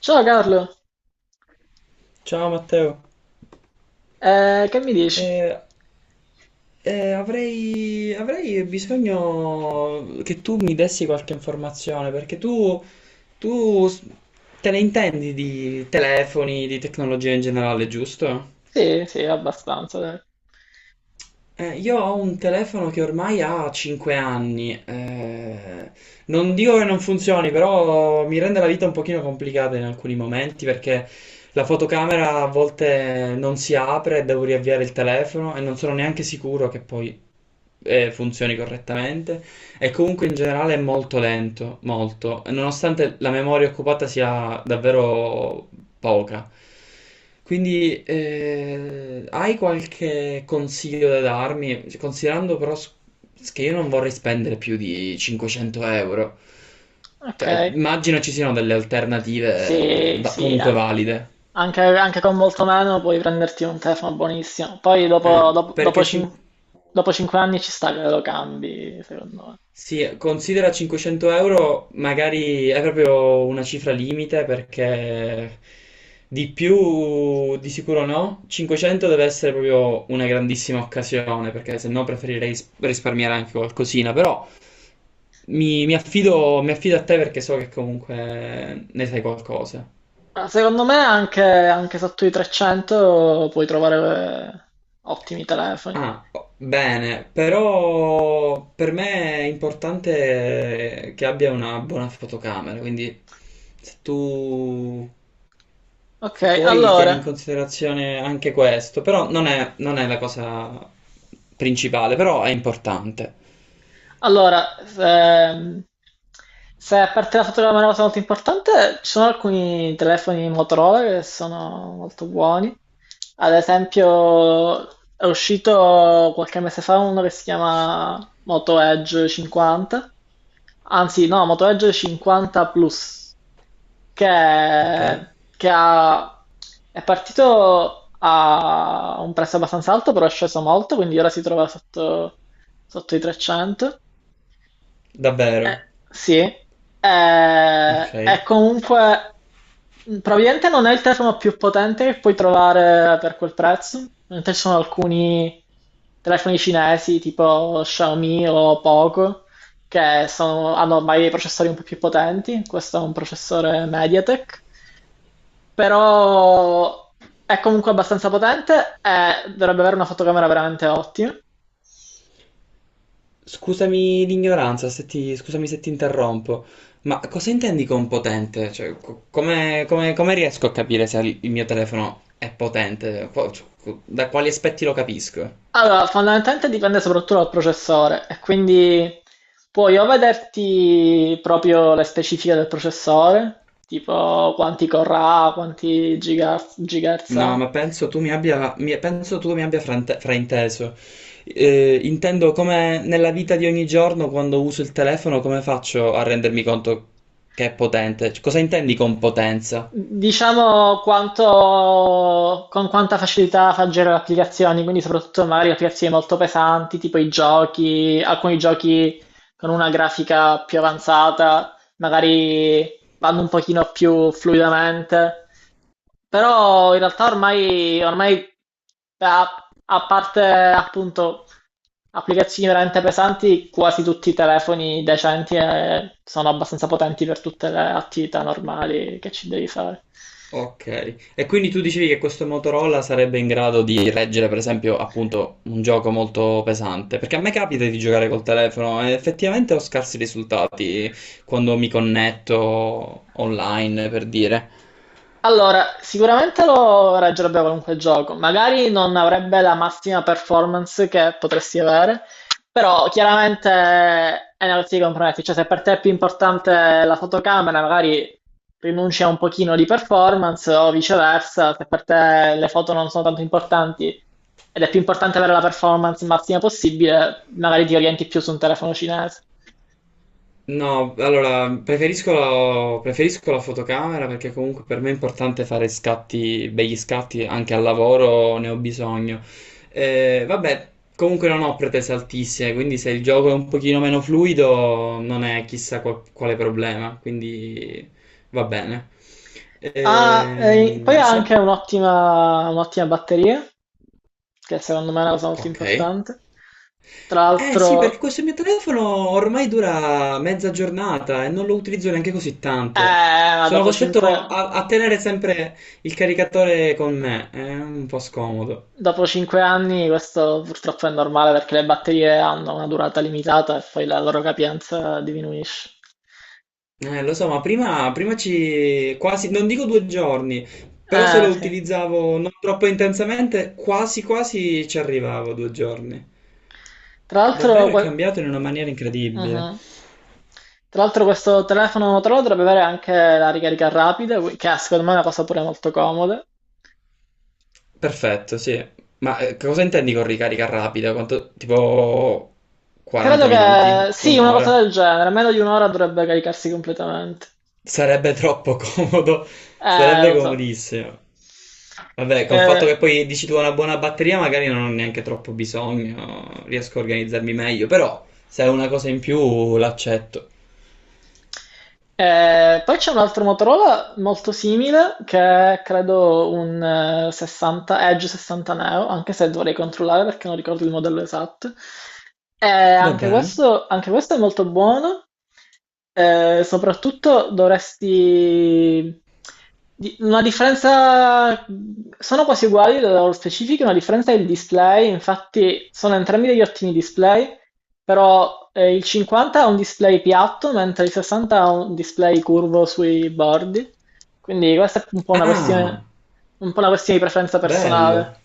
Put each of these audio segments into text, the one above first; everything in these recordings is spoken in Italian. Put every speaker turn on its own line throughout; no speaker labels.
Ciao Carlo.
Ciao Matteo.
Che mi dici?
Eh, avrei bisogno che tu mi dessi qualche informazione perché tu s- te ne intendi di telefoni, di tecnologia in generale, giusto?
Sì, sì, abbastanza, dai.
Io ho un telefono che ormai ha 5 anni. Non dico che non funzioni, però mi rende la vita un pochino complicata in alcuni momenti perché la fotocamera a volte non si apre, e devo riavviare il telefono e non sono neanche sicuro che poi funzioni correttamente e comunque in generale è molto lento, molto, nonostante la memoria occupata sia davvero poca. Quindi hai qualche consiglio da darmi, considerando che io non vorrei spendere più di 500 euro?
Ok,
Cioè, immagino ci siano delle alternative
sì, sì,
comunque valide.
anche con molto meno puoi prenderti un telefono buonissimo. Poi
Perché
dopo 5 anni ci sta che lo cambi, secondo me.
sì, considera 500 euro, magari è proprio una cifra limite perché di più di sicuro no. 500 deve essere proprio una grandissima occasione perché se no preferirei risparmiare anche qualcosina, però mi affido a te perché so che comunque ne sai qualcosa.
Ma secondo me anche sotto i 300 puoi trovare ottimi telefoni.
Ah, oh, bene, però per me è importante che abbia una buona fotocamera, quindi se tu...
Ok,
Se poi tieni in
allora.
considerazione anche questo, però non è la cosa principale, però è importante.
Allora, ehm, Se a parte la fotogramma è una cosa molto importante, ci sono alcuni telefoni Motorola che sono molto buoni. Ad esempio, è uscito qualche mese fa uno che si chiama Moto Edge 50, anzi no, Moto Edge 50 Plus, che,
Ok?
che ha- è partito a un prezzo abbastanza alto, però è sceso molto, quindi ora si trova sotto i 300. Eh,
Davvero.
sì, eh,
Ok.
è comunque probabilmente non è il telefono più potente che puoi trovare per quel prezzo. Mentre ci sono alcuni telefoni cinesi tipo Xiaomi o Poco che hanno ormai dei processori un po' più potenti. Questo è un processore MediaTek, però è comunque abbastanza potente e dovrebbe avere una fotocamera veramente ottima.
Scusami l'ignoranza, se ti, scusami se ti interrompo, ma cosa intendi con potente? Cioè, come riesco a capire se il mio telefono è potente? Da quali aspetti lo capisco?
Allora, fondamentalmente dipende soprattutto dal processore e quindi puoi o vederti proprio le specifiche del processore, tipo quanti core ha, quanti gigahertz
No,
ha,
ma penso tu mi abbia frainteso. Intendo come nella vita di ogni giorno, quando uso il telefono, come faccio a rendermi conto che è potente? Cioè, cosa intendi con potenza?
diciamo quanto, con quanta facilità fa girare le applicazioni, quindi soprattutto magari applicazioni molto pesanti, tipo i giochi, alcuni giochi con una grafica più avanzata, magari vanno un pochino più fluidamente. Però in realtà ormai a, a parte appunto applicazioni veramente pesanti, quasi tutti i telefoni decenti sono abbastanza potenti per tutte le attività normali che ci devi fare.
Ok, e quindi tu dicevi che questo Motorola sarebbe in grado di reggere, per esempio, appunto, un gioco molto pesante, perché a me capita di giocare col telefono e effettivamente ho scarsi risultati quando mi connetto online, per dire.
Allora, sicuramente lo reggerebbe qualunque gioco, magari non avrebbe la massima performance che potresti avere, però chiaramente è una questione di compromessi, cioè se per te è più importante la fotocamera, magari rinunci a un pochino di performance o viceversa, se per te le foto non sono tanto importanti ed è più importante avere la performance massima possibile, magari ti orienti più su un telefono cinese.
No, allora preferisco la fotocamera perché comunque per me è importante fare scatti, begli scatti anche al lavoro, ne ho bisogno. Vabbè, comunque non ho pretese altissime, quindi se il gioco è un pochino meno fluido non è chissà quale problema, quindi va bene.
Ah, e poi
Ehm,
ha
se-
anche un'ottima batteria che secondo me è una cosa molto
Ok.
importante. Tra
Eh sì, perché
l'altro,
questo mio telefono ormai dura mezza giornata e non lo utilizzo neanche così tanto.
eh, ma
Sono
dopo
costretto
5,
a tenere sempre il caricatore con me, è un po' scomodo.
dopo cinque anni questo purtroppo è normale perché le batterie hanno una durata limitata e poi la loro capienza diminuisce.
Lo so, ma prima ci... quasi, non dico 2 giorni, però se lo
Sì.
utilizzavo non troppo intensamente, quasi quasi ci arrivavo 2 giorni.
Tra l'altro,
Davvero è
que-
cambiato in una maniera incredibile.
Mhm. Tra l'altro questo telefono Motorola dovrebbe avere anche la ricarica rapida, che è secondo me è una cosa pure molto comoda.
Perfetto, sì. Ma cosa intendi con ricarica rapida? Quanto, tipo 40
Credo che
minuti,
sì, una cosa
un'ora?
del genere, meno di un'ora dovrebbe caricarsi completamente.
Sarebbe troppo comodo, sarebbe
Lo so.
comodissimo. Vabbè, col fatto
Eh,
che poi dici tu una buona batteria, magari non ho neanche troppo bisogno, riesco a organizzarmi meglio, però se è una cosa in più l'accetto.
Poi c'è un altro Motorola molto simile che è credo un 60, Edge 60 Neo, anche se dovrei controllare perché non ricordo il modello esatto.
Va
Anche
bene.
questo, anche questo è molto buono, eh, soprattutto dovresti Una differenza, sono quasi uguali dalle loro specifiche, una differenza è il display, infatti sono entrambi degli ottimi display, però il 50 ha un display piatto, mentre il 60 ha un display curvo sui bordi, quindi questa è
Ah,
un po' una questione di preferenza
bello.
personale.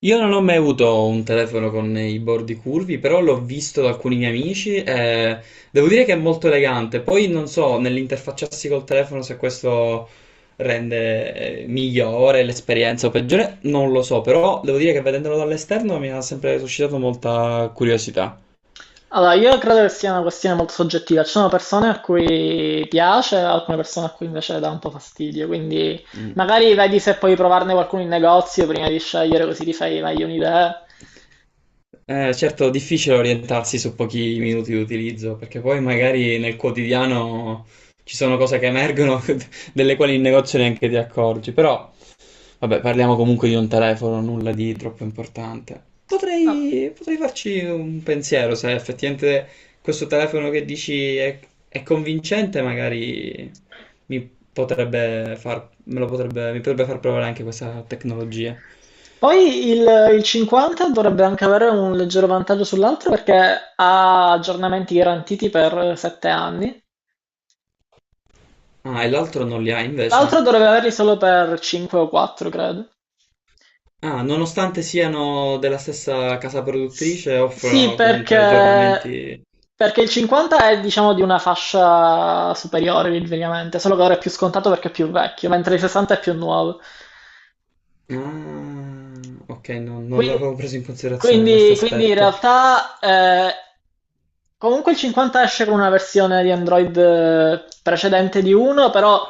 Io non ho mai avuto un telefono con i bordi curvi, però l'ho visto da alcuni miei amici e devo dire che è molto elegante. Poi non so, nell'interfacciarsi col telefono se questo rende migliore l'esperienza o peggiore, non lo so, però devo dire che vedendolo dall'esterno mi ha sempre suscitato molta curiosità.
Allora, io credo che sia una questione molto soggettiva. Ci sono persone a cui piace, alcune persone a cui invece dà un po' fastidio. Quindi
Mm.
magari vedi se puoi provarne qualcuno in negozio prima di scegliere, così ti fai meglio un'idea.
Certo, difficile orientarsi su pochi minuti di utilizzo, perché poi magari nel quotidiano ci sono cose che emergono delle quali in negozio neanche ti accorgi, però... Vabbè, parliamo comunque di un telefono, nulla di troppo importante.
No.
Potrei farci un pensiero se effettivamente questo telefono che dici è convincente, magari mi mi potrebbe far provare anche questa tecnologia.
Poi il 50 dovrebbe anche avere un leggero vantaggio sull'altro perché ha aggiornamenti garantiti per 7 anni.
Ah, e l'altro non li ha invece.
L'altro dovrebbe averli solo per 5 o 4, credo.
Ah, nonostante siano della stessa casa
S-
produttrice,
Sì,
offrono comunque aggiornamenti.
perché il 50 è diciamo di una fascia superiore ovviamente, solo che ora è più scontato perché è più vecchio, mentre il 60 è più nuovo.
Ah, ok, non
Quindi,
l'avevo preso in considerazione questo
quindi in
aspetto.
realtà comunque il 50 esce con una versione di Android precedente di 1, però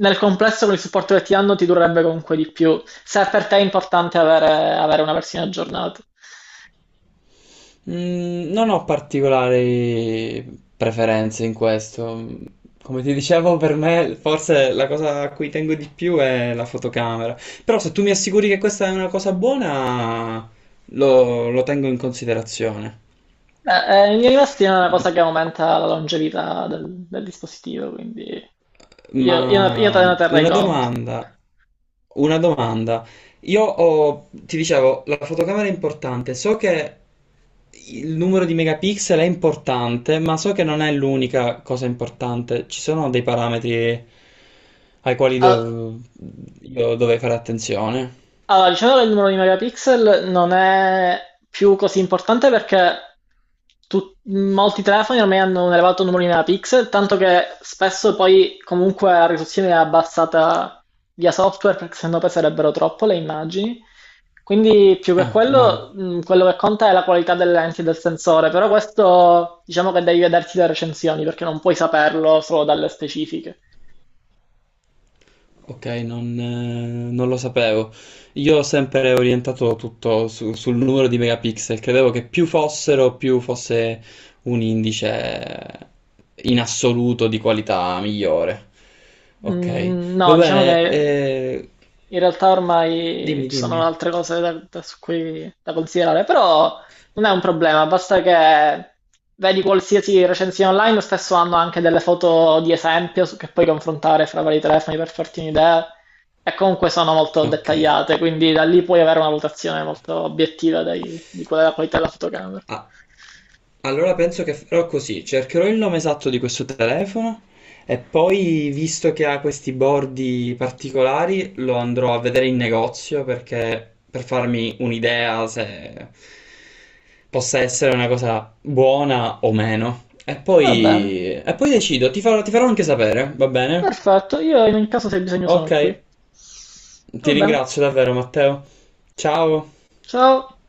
nel complesso con il supporto che ti hanno ti durerebbe comunque di più, se per te è importante avere una versione aggiornata.
Mm, non ho particolari preferenze in questo. Come ti dicevo, per me forse la cosa a cui tengo di più è la fotocamera. Però se tu mi assicuri che questa è una cosa buona, lo tengo in considerazione.
Beh, in linea di massima è una cosa che aumenta la longevità del dispositivo, quindi io te
Ma
ne terrei
una
conto.
domanda, una domanda. Io ho, ti dicevo, la fotocamera è importante. So che il numero di megapixel è importante, ma so che non è l'unica cosa importante. Ci sono dei parametri ai quali
Ah.
io dovrei fare attenzione.
Allora, diciamo che il numero di megapixel non è più così importante perché molti telefoni ormai hanno un elevato numero di megapixel, tanto che spesso poi comunque la risoluzione è abbassata via software perché sennò peserebbero troppo le immagini. Quindi più che
Ah, wow.
quello, quello che conta è la qualità delle lenti e del sensore, però questo diciamo che devi vederti le recensioni perché non puoi saperlo solo dalle specifiche.
Ok, non lo sapevo. Io ho sempre orientato tutto sul numero di megapixel, credevo che più fossero, più fosse un indice in assoluto di qualità migliore. Ok,
Mm,
va
No, diciamo
bene,
che In realtà ormai
dimmi,
ci sono
dimmi.
altre cose su cui, da considerare, però non è un problema, basta che vedi qualsiasi recensione online, spesso hanno anche delle foto di esempio che puoi confrontare fra vari telefoni per farti un'idea e comunque sono molto
Ok.
dettagliate, quindi da lì puoi avere una valutazione molto obiettiva di qual è la qualità della fotocamera.
Ah, allora penso che farò così, cercherò il nome esatto di questo telefono e poi, visto che ha questi bordi particolari, lo andrò a vedere in negozio perché per farmi un'idea se possa essere una cosa buona o meno.
Va bene,
E poi decido, ti farò anche sapere, va bene?
perfetto, io in ogni caso se hai bisogno
Ok,
sono qui.
ti
Va bene,
ringrazio davvero, Matteo. Ciao.
ciao.